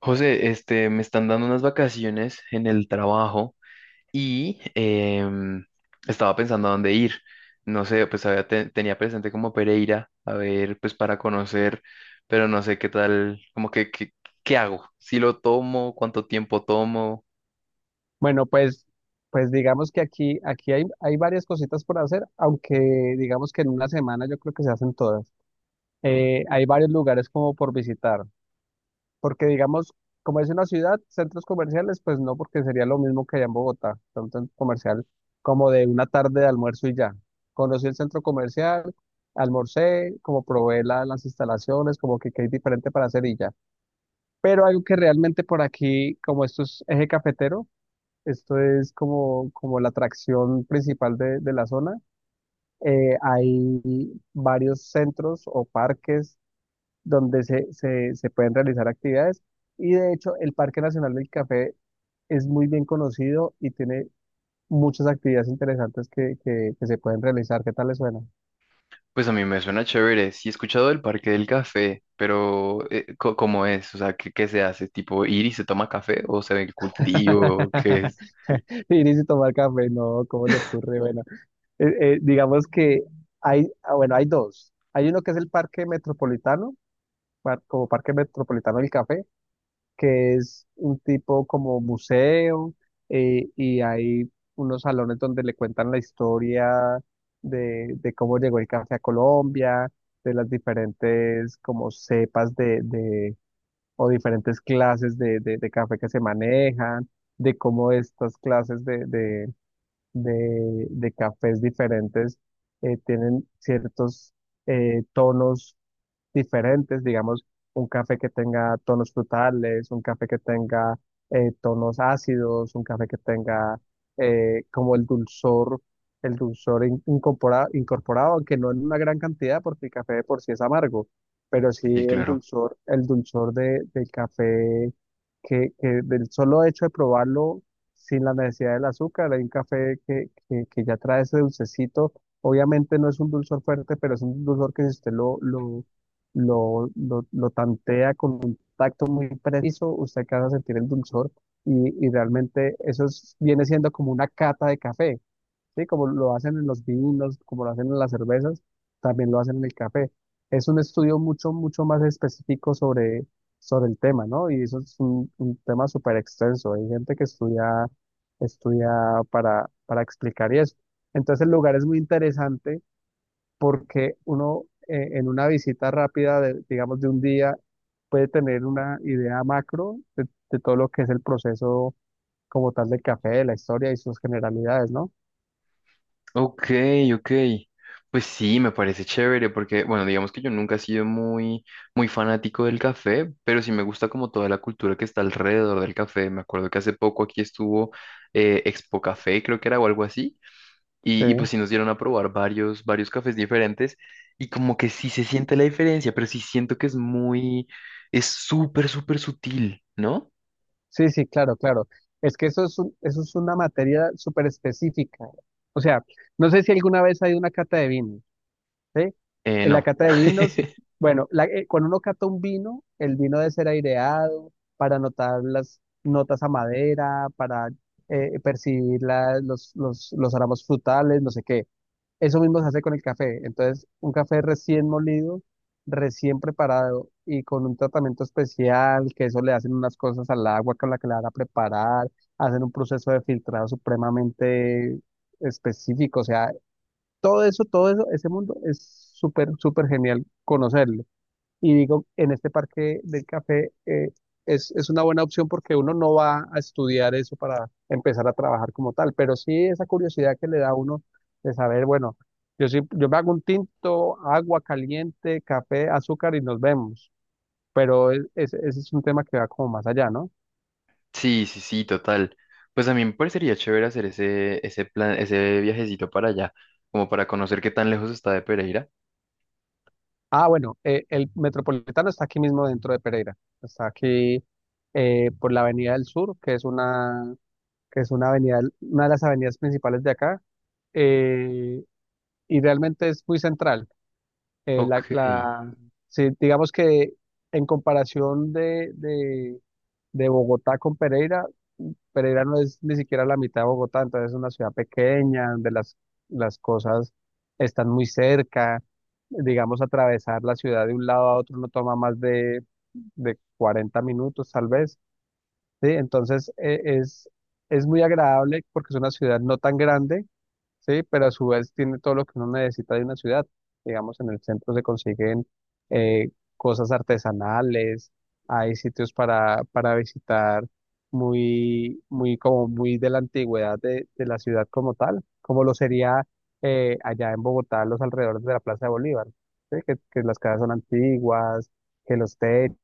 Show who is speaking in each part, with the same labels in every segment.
Speaker 1: José, este, me están dando unas vacaciones en el trabajo y estaba pensando a dónde ir. No sé, pues tenía presente como Pereira, a ver, pues para conocer, pero no sé qué tal, qué hago, si lo tomo, cuánto tiempo tomo.
Speaker 2: Bueno, pues digamos que aquí hay varias cositas por hacer, aunque digamos que en una semana yo creo que se hacen todas. Hay varios lugares como por visitar, porque digamos, como es una ciudad, centros comerciales, pues no, porque sería lo mismo que allá en Bogotá, un centro comercial como de una tarde de almuerzo y ya. Conocí el centro comercial, almorcé, como probé las instalaciones, como que qué hay diferente para hacer y ya. Pero algo que realmente por aquí, como esto es eje cafetero, esto es como la atracción principal de la zona. Hay varios centros o parques donde se pueden realizar actividades y de hecho el Parque Nacional del Café es muy bien conocido y tiene muchas actividades interesantes que se pueden realizar. ¿Qué tal le suena?
Speaker 1: Pues a mí me suena chévere. Sí he escuchado del Parque del Café, pero ¿cómo es? O sea, ¿qué se hace? ¿Tipo ir y se toma café o se ve el cultivo? ¿Qué es?
Speaker 2: Ir y tomar café, no, ¿cómo le ocurre? Bueno, eh, digamos que ah, bueno, hay dos. Hay uno que es el Parque Metropolitano, como Parque Metropolitano del Café, que es un tipo como museo, y hay unos salones donde le cuentan la historia de cómo llegó el café a Colombia, de las diferentes como cepas o diferentes clases de café que se manejan, de cómo estas clases de cafés diferentes tienen ciertos tonos diferentes, digamos, un café que tenga tonos frutales, un café que tenga tonos ácidos, un café que tenga como el dulzor incorporado, aunque no en una gran cantidad, porque el café de por sí es amargo, pero sí
Speaker 1: Sí,
Speaker 2: el
Speaker 1: claro.
Speaker 2: dulzor, el dulzor del café, que del solo hecho de probarlo sin la necesidad del azúcar, hay un café que ya trae ese dulcecito. Obviamente no es un dulzor fuerte, pero es un dulzor que si usted lo tantea con un tacto muy preciso, usted alcanza a sentir el dulzor y realmente viene siendo como una cata de café, ¿sí? Como lo hacen en los vinos, como lo hacen en las cervezas, también lo hacen en el café. Es un estudio mucho, mucho más específico sobre el tema, ¿no? Y eso es un tema súper extenso. Hay gente que estudia para explicar y eso. Entonces el lugar es muy interesante porque uno, en una visita rápida, digamos, de un día, puede tener una idea macro de todo lo que es el proceso como tal del café, de la historia y sus generalidades, ¿no?
Speaker 1: Ok, ok. Pues sí, me parece chévere porque, bueno, digamos que yo nunca he sido muy fanático del café, pero sí me gusta como toda la cultura que está alrededor del café. Me acuerdo que hace poco aquí estuvo Expo Café, creo que era o algo así,
Speaker 2: Sí,
Speaker 1: y pues sí nos dieron a probar varios cafés diferentes y como que sí se siente la diferencia, pero sí siento que es es súper sutil, ¿no?
Speaker 2: sí, sí, claro, claro. Es que eso es una materia súper específica. O sea, no sé si alguna vez hay una cata de vino. ¿Sí? En la
Speaker 1: No.
Speaker 2: cata de vinos, bueno, cuando uno cata un vino, el vino debe ser aireado para notar las notas a madera, para percibir los aromas frutales, no sé qué. Eso mismo se hace con el café. Entonces, un café recién molido, recién preparado y con un tratamiento especial, que eso le hacen unas cosas al agua con la que la van a preparar, hacen un proceso de filtrado supremamente específico. O sea, todo eso, ese mundo es súper, súper genial conocerlo. Y digo, en este parque del café, es una buena opción porque uno no va a estudiar eso para empezar a trabajar como tal, pero sí esa curiosidad que le da a uno de saber, bueno, sí, yo me hago un tinto, agua caliente, café, azúcar y nos vemos. Pero ese es un tema que va como más allá, ¿no?
Speaker 1: Sí, sí, sí, total. Pues a mí me parecería chévere hacer ese plan, ese viajecito para allá, como para conocer qué tan lejos está de Pereira.
Speaker 2: Ah, bueno, el Metropolitano está aquí mismo dentro de Pereira, está aquí, por la Avenida del Sur, que es una avenida, una de las avenidas principales de acá, eh, y realmente es muy central. Eh, la,
Speaker 1: Ok,
Speaker 2: la- sí, digamos que en comparación de Bogotá con Pereira, Pereira no es ni siquiera la mitad de Bogotá, entonces es una ciudad pequeña donde las cosas están muy cerca. Digamos, atravesar la ciudad de un lado a otro no toma más de 40 minutos, tal vez. ¿Sí? Entonces, es muy agradable porque es una ciudad no tan grande, ¿sí? Pero a su vez tiene todo lo que uno necesita de una ciudad. Digamos, en el centro se consiguen, eh, cosas artesanales, hay sitios para visitar muy, muy, como muy de la antigüedad de la ciudad como tal, como lo sería, allá en Bogotá, los alrededores de la Plaza de Bolívar, ¿sí? Que las casas son antiguas, que los techos,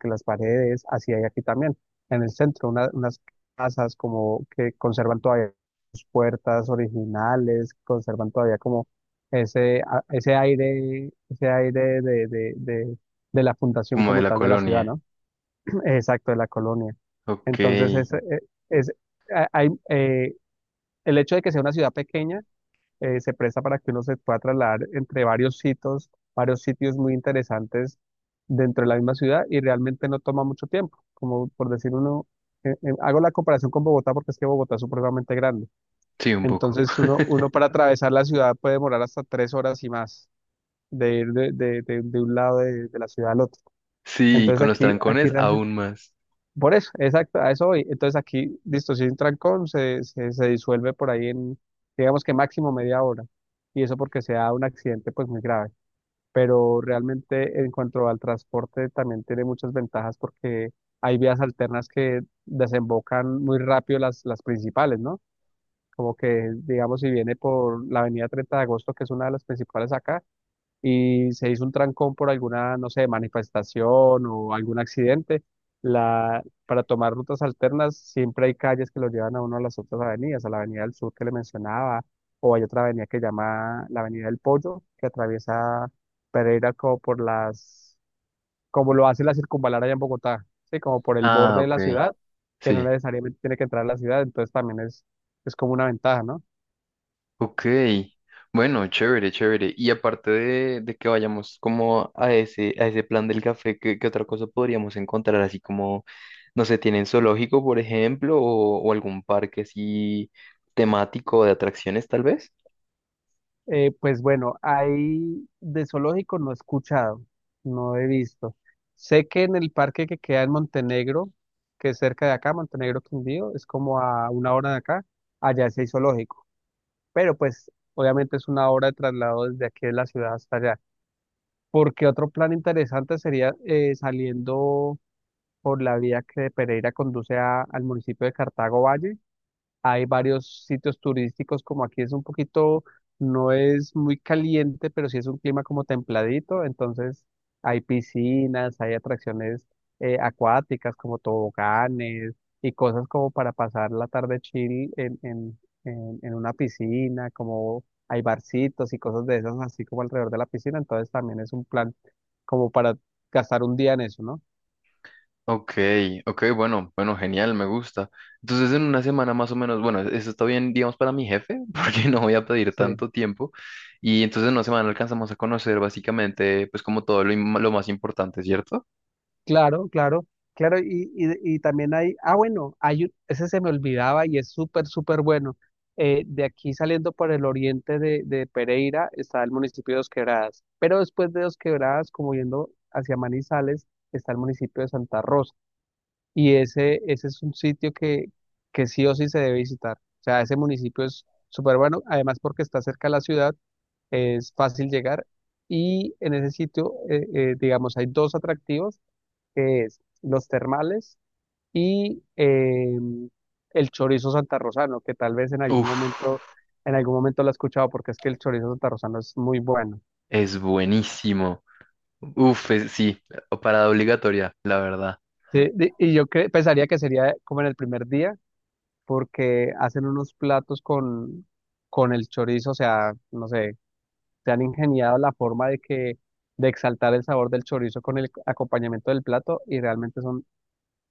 Speaker 2: que las paredes, así hay aquí también. En el centro, unas casas como que conservan todavía sus puertas originales, conservan todavía como ese aire de la fundación
Speaker 1: como de
Speaker 2: como
Speaker 1: la
Speaker 2: tal de la ciudad,
Speaker 1: colonia.
Speaker 2: ¿no? Exacto, de la colonia.
Speaker 1: Ok,
Speaker 2: Entonces, es- a- hay, eh, el hecho de que sea una ciudad pequeña, se presta para que uno se pueda trasladar entre varios sitios muy interesantes dentro de la misma ciudad y realmente no toma mucho tiempo. Como por decir uno, hago la comparación con Bogotá porque es que Bogotá es supremamente grande.
Speaker 1: sí, un poco.
Speaker 2: Entonces uno para atravesar la ciudad puede demorar hasta 3 horas y más de ir de un lado de la ciudad al otro.
Speaker 1: Sí,
Speaker 2: Entonces
Speaker 1: con los
Speaker 2: aquí
Speaker 1: trancones
Speaker 2: realmente
Speaker 1: aún más.
Speaker 2: por eso, exacto, a eso voy. Entonces aquí, listo, si es un trancón, se disuelve por ahí en, digamos que máximo media hora. Y eso porque sea un accidente pues muy grave. Pero realmente en cuanto al transporte también tiene muchas ventajas porque hay vías alternas que desembocan muy rápido las principales, ¿no? Como que, digamos, si viene por la avenida 30 de agosto, que es una de las principales acá, y se hizo un trancón por alguna, no sé, manifestación o algún accidente, para tomar rutas alternas siempre hay calles que lo llevan a uno a las otras avenidas, a la Avenida del Sur que le mencionaba, o hay otra avenida que llama la Avenida del Pollo, que atraviesa Pereira como por como lo hace la circunvalar allá en Bogotá, ¿sí? Como por el
Speaker 1: Ah,
Speaker 2: borde de
Speaker 1: ok,
Speaker 2: la ciudad, que no
Speaker 1: sí.
Speaker 2: necesariamente tiene que entrar a la ciudad, entonces también es como una ventaja, ¿no?
Speaker 1: Ok, bueno, chévere, chévere. Y aparte de que vayamos como a a ese plan del café, ¿qué otra cosa podríamos encontrar? Así como, no sé, ¿tienen zoológico, por ejemplo, o algún parque así temático de atracciones, tal vez?
Speaker 2: Pues bueno, ahí de zoológico no he escuchado, no he visto. Sé que en el parque que queda en Montenegro, que es cerca de acá, Montenegro Quindío, es como a una hora de acá, allá sí hay zoológico, pero pues obviamente es una hora de traslado desde aquí de la ciudad hasta allá. Porque otro plan interesante sería, saliendo por la vía que de Pereira conduce al municipio de Cartago Valle, hay varios sitios turísticos, como aquí es un poquito, no es muy caliente, pero sí es un clima como templadito, entonces hay piscinas, hay atracciones, acuáticas como toboganes y cosas como para pasar la tarde chill en una piscina, como hay barcitos y cosas de esas así como alrededor de la piscina, entonces también es un plan como para gastar un día en eso, ¿no?
Speaker 1: Ok, ok, bueno, bueno, genial, me gusta. Entonces en una semana más o menos, bueno, eso está bien, digamos, para mi jefe, porque no voy a pedir
Speaker 2: Sí.
Speaker 1: tanto tiempo. Y entonces en una semana alcanzamos a conocer básicamente, pues como lo más importante, ¿cierto?
Speaker 2: Claro, claro, claro, y también ah, bueno, ese se me olvidaba y es súper, súper bueno. De aquí saliendo por el oriente de Pereira está el municipio de Dos Quebradas, pero después de Dos Quebradas, como yendo hacia Manizales, está el municipio de Santa Rosa, y ese es un sitio que sí o sí se debe visitar. O sea, ese municipio es súper bueno, además porque está cerca de la ciudad, es fácil llegar, y en ese sitio, digamos, hay dos atractivos que es los termales y, el chorizo santarrosano, que tal vez
Speaker 1: Uf.
Speaker 2: en algún momento lo he escuchado porque es que el chorizo santarrosano es muy bueno.
Speaker 1: Es buenísimo. Uf, sí, parada obligatoria, la verdad.
Speaker 2: Sí, y pensaría que sería como en el primer día, porque hacen unos platos con el chorizo, o sea, no sé, se han ingeniado la forma de exaltar el sabor del chorizo con el acompañamiento del plato y realmente son,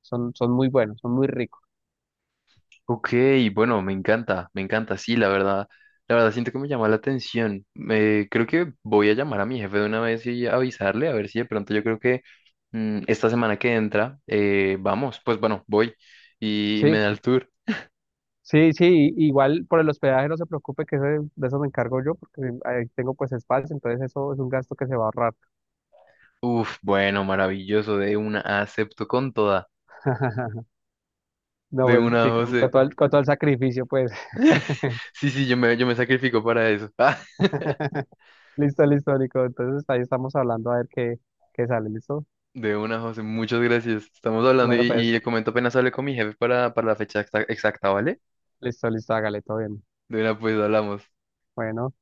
Speaker 2: son muy buenos, son muy ricos.
Speaker 1: Ok, bueno, me encanta, sí, la verdad. La verdad, siento que me llama la atención. Creo que voy a llamar a mi jefe de una vez y avisarle, a ver si de pronto yo creo que esta semana que entra, vamos, pues bueno, voy y me
Speaker 2: Sí,
Speaker 1: da el tour.
Speaker 2: sí, sí, igual por el hospedaje no se preocupe, que de eso me encargo yo porque ahí tengo pues espacio, entonces eso es un gasto que se va a ahorrar.
Speaker 1: Uf, bueno, maravilloso, de una acepto con toda,
Speaker 2: No,
Speaker 1: de
Speaker 2: pues
Speaker 1: una
Speaker 2: sí,
Speaker 1: José.
Speaker 2: con todo el sacrificio pues.
Speaker 1: Sí, sí, yo me sacrifico para eso.
Speaker 2: Listo, listo, Nico. Entonces ahí estamos hablando a ver qué sale, ¿listo?
Speaker 1: De una, José, muchas gracias. Estamos hablando
Speaker 2: Bueno,
Speaker 1: y
Speaker 2: pues
Speaker 1: le comento apenas hable con mi jefe para la fecha exacta, exacta, ¿vale?
Speaker 2: listo, listo, hágale, todo bien.
Speaker 1: De una, pues hablamos.
Speaker 2: Bueno.